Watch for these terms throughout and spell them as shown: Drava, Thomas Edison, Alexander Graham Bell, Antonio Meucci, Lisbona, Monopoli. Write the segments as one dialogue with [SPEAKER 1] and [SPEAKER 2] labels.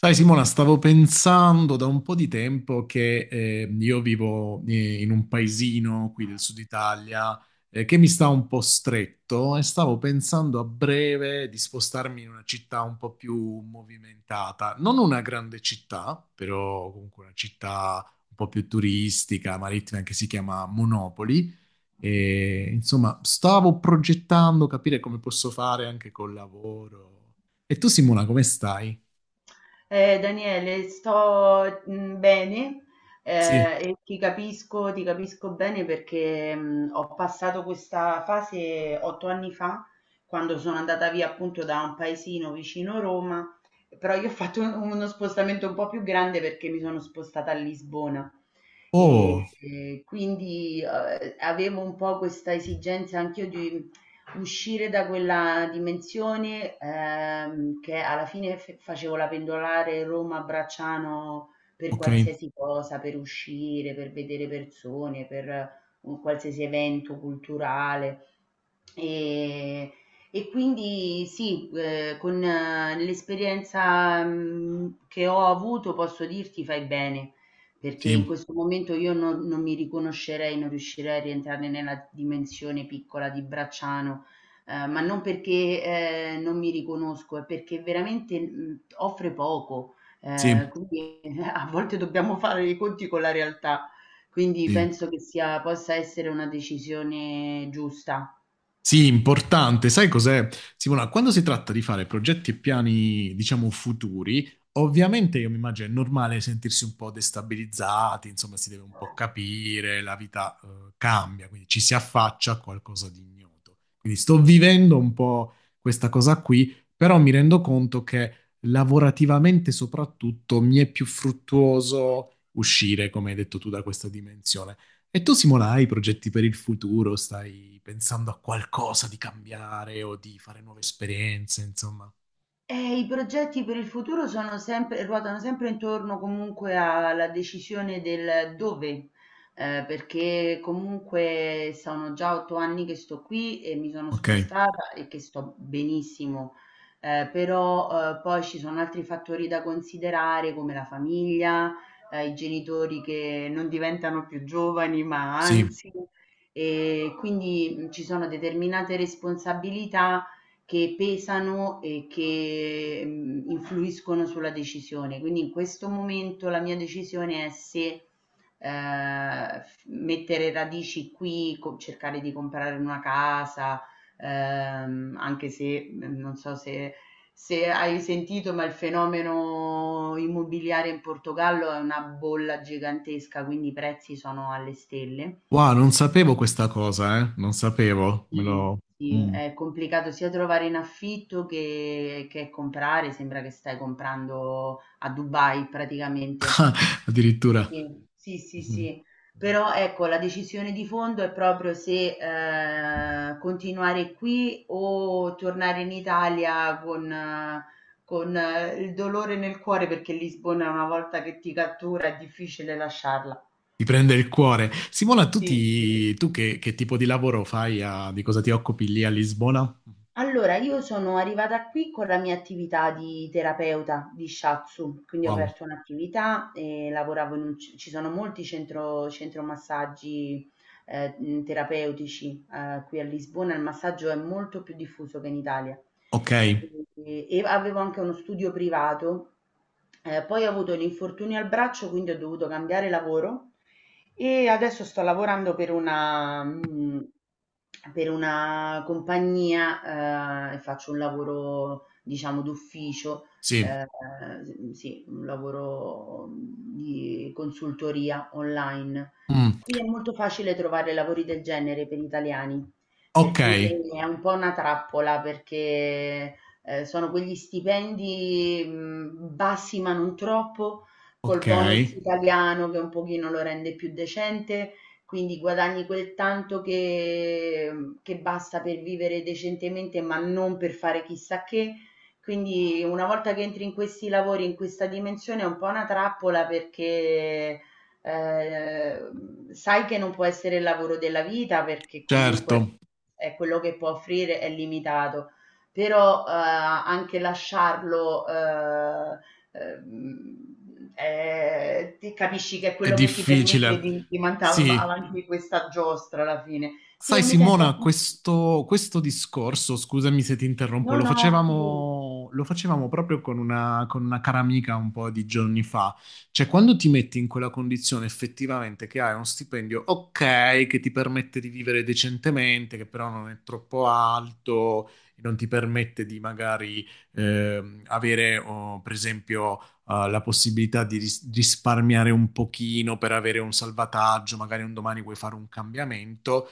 [SPEAKER 1] Sai Simona, stavo pensando da un po' di tempo che io vivo in un paesino qui del sud Italia che mi sta un po' stretto e stavo pensando a breve di spostarmi in una città un po' più movimentata, non una grande città, però comunque una città un po' più turistica, marittima, che si chiama Monopoli. E, insomma, stavo progettando capire come posso fare anche col lavoro. E tu Simona, come stai?
[SPEAKER 2] Daniele, sto bene,
[SPEAKER 1] Sì.
[SPEAKER 2] e ti capisco bene perché ho passato questa fase 8 anni fa, quando sono andata via appunto da un paesino vicino Roma. Però io ho fatto uno spostamento un po' più grande perché mi sono spostata a Lisbona. E,
[SPEAKER 1] Oh,
[SPEAKER 2] e quindi avevo un po' questa esigenza anch'io di uscire da quella dimensione, che alla fine f facevo la pendolare Roma-Bracciano per
[SPEAKER 1] ok.
[SPEAKER 2] qualsiasi cosa, per uscire, per vedere persone, per un qualsiasi evento culturale. Ehm, e quindi sì, con l'esperienza, che ho avuto posso dirti: fai bene, perché in
[SPEAKER 1] Sì,
[SPEAKER 2] questo momento io non mi riconoscerei, non riuscirei a rientrare nella dimensione piccola di Bracciano. Ma non perché, non mi riconosco, è perché veramente, offre poco,
[SPEAKER 1] sì,
[SPEAKER 2] quindi a volte dobbiamo fare i conti con la realtà. Quindi
[SPEAKER 1] sì.
[SPEAKER 2] penso che sia possa essere una decisione giusta.
[SPEAKER 1] Sì, importante. Sai cos'è, Simona? Quando si tratta di fare progetti e piani, diciamo, futuri, ovviamente io mi immagino è normale sentirsi un po' destabilizzati, insomma, si deve un po' capire, la vita, cambia, quindi ci si affaccia a qualcosa di ignoto. Quindi sto vivendo un po' questa cosa qui, però mi rendo conto che lavorativamente soprattutto mi è più fruttuoso uscire, come hai detto tu, da questa dimensione. E tu, Simona, hai progetti per il futuro? Stai pensando a qualcosa di cambiare o di fare nuove esperienze, insomma?
[SPEAKER 2] I progetti per il futuro sono sempre ruotano sempre intorno comunque alla decisione del dove, perché comunque sono già 8 anni che sto qui e mi sono
[SPEAKER 1] Ok,
[SPEAKER 2] spostata e che sto benissimo. Però poi ci sono altri fattori da considerare come la famiglia, i genitori che non diventano più giovani, ma
[SPEAKER 1] sì.
[SPEAKER 2] anzi, e quindi ci sono determinate responsabilità che pesano e che influiscono sulla decisione. Quindi in questo momento la mia decisione è se mettere radici qui, cercare di comprare una casa, anche se non so se, se hai sentito, ma il fenomeno immobiliare in Portogallo è una bolla gigantesca, quindi i prezzi sono alle stelle.
[SPEAKER 1] Wow, non sapevo questa cosa, eh? Non sapevo, me
[SPEAKER 2] Sì,
[SPEAKER 1] lo...
[SPEAKER 2] sì,
[SPEAKER 1] Mm.
[SPEAKER 2] è complicato sia trovare in affitto che comprare, sembra che stai comprando a Dubai praticamente.
[SPEAKER 1] Addirittura...
[SPEAKER 2] Sì, sì, sì,
[SPEAKER 1] Mhm.
[SPEAKER 2] sì. Però ecco, la decisione di fondo è proprio se continuare qui o tornare in Italia con, il dolore nel cuore perché Lisbona una volta che ti cattura è difficile lasciarla.
[SPEAKER 1] Ti prende il cuore. Simona, tu,
[SPEAKER 2] Sì, sì.
[SPEAKER 1] tu che tipo di lavoro fai? Di cosa ti occupi lì a Lisbona?
[SPEAKER 2] Allora, io sono arrivata qui con la mia attività di terapeuta di shiatsu, quindi ho
[SPEAKER 1] Wow.
[SPEAKER 2] aperto un'attività e lavoravo in un, ci sono molti centro massaggi terapeutici qui a Lisbona. Il massaggio è molto più diffuso che in Italia.
[SPEAKER 1] Ok,
[SPEAKER 2] E avevo anche uno studio privato, poi ho avuto un infortunio al braccio, quindi ho dovuto cambiare lavoro e adesso sto lavorando per per una compagnia e faccio un lavoro, diciamo, d'ufficio,
[SPEAKER 1] sì.
[SPEAKER 2] eh, sì, un lavoro di consultoria online.
[SPEAKER 1] Mm,
[SPEAKER 2] Qui è molto facile trovare lavori del genere per italiani, per
[SPEAKER 1] ok,
[SPEAKER 2] cui è un po' una trappola perché, sono quegli stipendi, bassi ma non troppo, col
[SPEAKER 1] ok,
[SPEAKER 2] bonus italiano che un pochino lo rende più decente, quindi guadagni quel tanto che che basta per vivere decentemente, ma non per fare chissà che. Quindi una volta che entri in questi lavori, in questa dimensione, è un po' una trappola perché sai che non può essere il lavoro della vita, perché
[SPEAKER 1] certo,
[SPEAKER 2] comunque è quello che può offrire è limitato. Però anche lasciarlo ti capisci che è
[SPEAKER 1] è
[SPEAKER 2] quello che ti permette
[SPEAKER 1] difficile.
[SPEAKER 2] di mandare
[SPEAKER 1] Sì.
[SPEAKER 2] avanti questa giostra alla fine. Sì,
[SPEAKER 1] Sai
[SPEAKER 2] e mi sento...
[SPEAKER 1] Simona, questo discorso, scusami se ti interrompo,
[SPEAKER 2] No,
[SPEAKER 1] lo
[SPEAKER 2] no, figurati.
[SPEAKER 1] facevamo, lo facevamo proprio con una cara amica un po' di giorni fa. Cioè, quando ti metti in quella condizione effettivamente che hai uno stipendio ok, che ti permette di vivere decentemente, che però non è troppo alto, non ti permette di magari avere, oh, per esempio, la possibilità di risparmiare un pochino per avere un salvataggio, magari un domani vuoi fare un cambiamento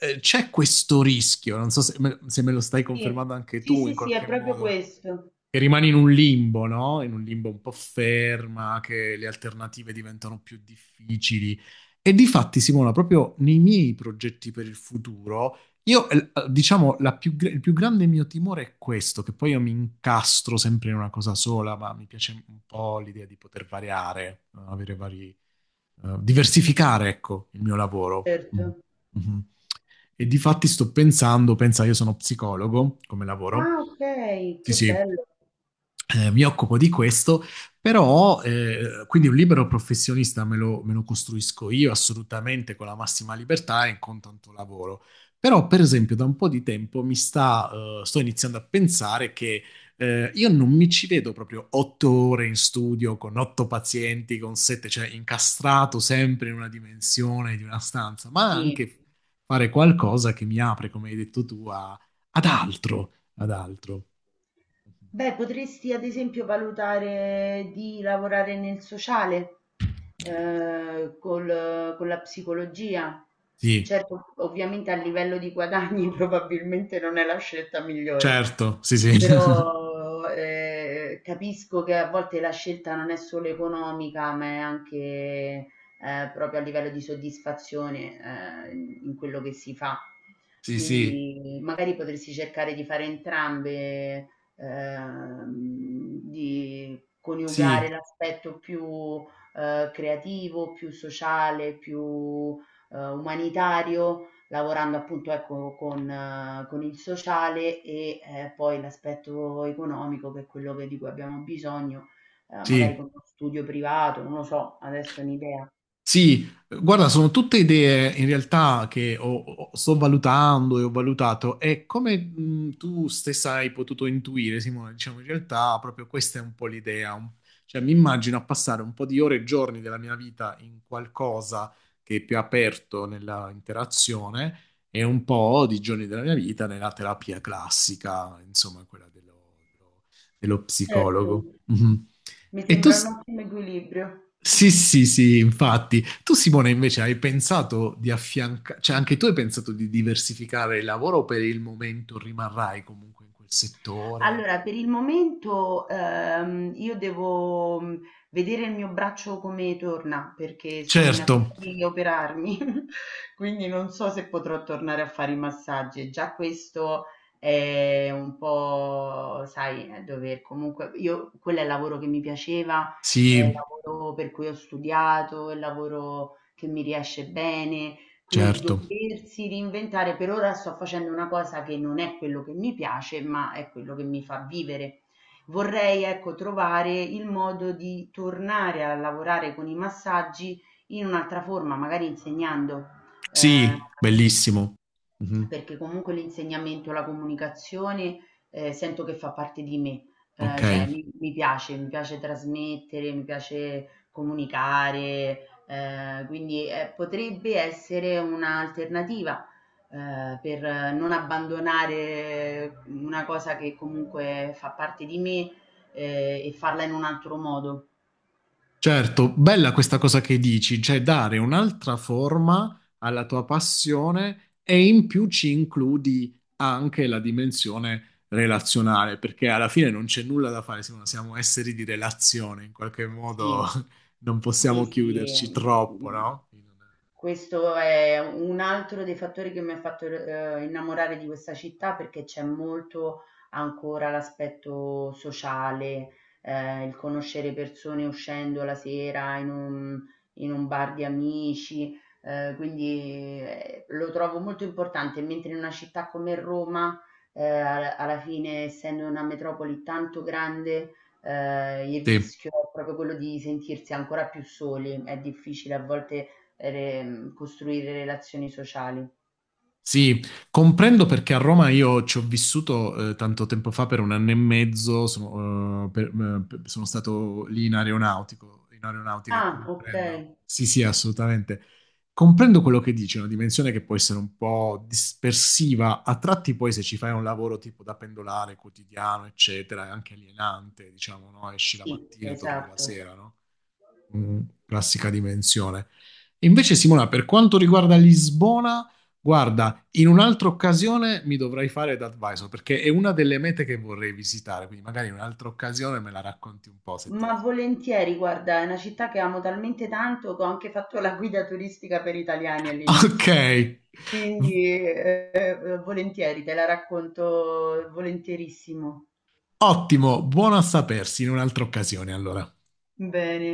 [SPEAKER 1] c'è questo rischio, non so se me, se me lo stai
[SPEAKER 2] Sì,
[SPEAKER 1] confermando anche
[SPEAKER 2] sì,
[SPEAKER 1] tu in
[SPEAKER 2] sì, sì,
[SPEAKER 1] qualche
[SPEAKER 2] è proprio
[SPEAKER 1] modo,
[SPEAKER 2] questo.
[SPEAKER 1] che rimani in un limbo, no? In un limbo un po' ferma, che le alternative diventano più difficili. E difatti, Simona, proprio nei miei progetti per il futuro, io, diciamo, la più il più grande mio timore è questo, che poi io mi incastro sempre in una cosa sola, ma mi piace un po' l'idea di poter variare, avere vari, diversificare, ecco, il mio lavoro. Mm.
[SPEAKER 2] Certo.
[SPEAKER 1] Mhm. E difatti sto pensando, pensa, io sono psicologo come lavoro.
[SPEAKER 2] Ah, ok,
[SPEAKER 1] Sì,
[SPEAKER 2] che
[SPEAKER 1] sì,
[SPEAKER 2] bello.
[SPEAKER 1] mi occupo di questo, però quindi un libero professionista me lo costruisco io assolutamente con la massima libertà e con tanto lavoro. Però, per esempio, da un po' di tempo mi sta, sto iniziando a pensare che io non mi ci vedo proprio 8 ore in studio con otto pazienti, con sette, cioè incastrato sempre in una dimensione di una stanza, ma
[SPEAKER 2] Sì.
[SPEAKER 1] anche fare qualcosa che mi apre, come hai detto tu, ad altro, ad altro.
[SPEAKER 2] Beh, potresti ad esempio valutare di lavorare nel sociale, col con la psicologia.
[SPEAKER 1] Sì.
[SPEAKER 2] Certo, ovviamente a livello di guadagni probabilmente non è la scelta migliore.
[SPEAKER 1] Certo, sì, sì.
[SPEAKER 2] Però capisco che a volte la scelta non è solo economica, ma è anche proprio a livello di soddisfazione in quello che si fa.
[SPEAKER 1] Sì, sì,
[SPEAKER 2] Quindi magari potresti cercare di fare entrambe, ehm, di
[SPEAKER 1] sì,
[SPEAKER 2] coniugare l'aspetto più creativo, più sociale, più umanitario, lavorando appunto ecco con il sociale, e poi l'aspetto economico che è quello che di cui abbiamo bisogno, magari
[SPEAKER 1] sì.
[SPEAKER 2] con uno studio privato, non lo so, adesso è un'idea.
[SPEAKER 1] Sì, guarda, sono tutte idee in realtà che sto valutando e ho valutato e come tu stessa hai potuto intuire, Simone, diciamo in realtà proprio questa è un po' l'idea, cioè mi immagino a passare un po' di ore e giorni della mia vita in qualcosa che è più aperto nella interazione e un po' di giorni della mia vita nella terapia classica, insomma, quella dello, dello
[SPEAKER 2] Certo,
[SPEAKER 1] psicologo. Mhm.
[SPEAKER 2] mi
[SPEAKER 1] E tu...
[SPEAKER 2] sembra un ottimo equilibrio.
[SPEAKER 1] Sì, sì, sì, infatti. Tu, Simone, invece hai pensato di affiancare, cioè anche tu hai pensato di diversificare il lavoro o per il momento rimarrai comunque in quel settore?
[SPEAKER 2] Allora, per il momento io devo vedere il mio braccio come torna perché sono in
[SPEAKER 1] Certo,
[SPEAKER 2] attesa di operarmi, quindi non so se potrò tornare a fare i massaggi. Già questo è un po', sai, dover comunque, io, quello è il lavoro che mi piaceva, è il
[SPEAKER 1] sì,
[SPEAKER 2] lavoro per cui ho studiato, è il lavoro che mi riesce bene. Quindi
[SPEAKER 1] certo.
[SPEAKER 2] doversi reinventare, per ora sto facendo una cosa che non è quello che mi piace, ma è quello che mi fa vivere. Vorrei, ecco, trovare il modo di tornare a lavorare con i massaggi in un'altra forma, magari insegnando. Eh,
[SPEAKER 1] Sì, bellissimo. Mhm.
[SPEAKER 2] Perché comunque l'insegnamento, la comunicazione, sento che fa parte di me,
[SPEAKER 1] Ok.
[SPEAKER 2] cioè mi piace trasmettere, mi piace comunicare, quindi, potrebbe essere un'alternativa, per non abbandonare una cosa che comunque fa parte di me, e farla in un altro modo.
[SPEAKER 1] Certo, bella questa cosa che dici, cioè dare un'altra forma alla tua passione e in più ci includi anche la dimensione relazionale, perché alla fine non c'è nulla da fare, siamo, siamo esseri di relazione, in qualche modo
[SPEAKER 2] Sì,
[SPEAKER 1] non
[SPEAKER 2] sì,
[SPEAKER 1] possiamo
[SPEAKER 2] sì.
[SPEAKER 1] chiuderci troppo,
[SPEAKER 2] mhmm
[SPEAKER 1] no?
[SPEAKER 2] Questo è un altro dei fattori che mi ha fatto, innamorare di questa città, perché c'è molto ancora l'aspetto sociale, il conoscere persone uscendo la sera in un bar di amici, quindi, lo trovo molto importante, mentre in una città come Roma, al alla fine essendo una metropoli tanto grande, il
[SPEAKER 1] Sì.
[SPEAKER 2] rischio è proprio quello di sentirsi ancora più soli. È difficile a volte costruire relazioni sociali.
[SPEAKER 1] Sì, comprendo perché a Roma io ci ho vissuto tanto tempo fa per 1 anno e mezzo, sono, sono stato lì in aeronautico, in aeronautica e
[SPEAKER 2] Ah, ok.
[SPEAKER 1] comprendo. Sì, sì, assolutamente. Comprendo quello che dici, è una dimensione che può essere un po' dispersiva, a tratti poi se ci fai un lavoro tipo da pendolare quotidiano, eccetera, è anche alienante, diciamo, no? Esci la
[SPEAKER 2] Sì,
[SPEAKER 1] mattina, torni la
[SPEAKER 2] esatto.
[SPEAKER 1] sera, no? Mm, classica dimensione. Invece, Simona, per quanto riguarda Lisbona, guarda, in un'altra occasione mi dovrai fare da advisor perché è una delle mete che vorrei visitare, quindi magari in un'altra occasione me la racconti un po' se ti
[SPEAKER 2] Ma
[SPEAKER 1] va.
[SPEAKER 2] volentieri, guarda, è una città che amo talmente tanto che ho anche fatto la guida turistica per italiani
[SPEAKER 1] Ok,
[SPEAKER 2] all'inizio.
[SPEAKER 1] v-
[SPEAKER 2] Quindi, volentieri, te la racconto volentierissimo.
[SPEAKER 1] ottimo, buono a sapersi in un'altra occasione allora.
[SPEAKER 2] Bene.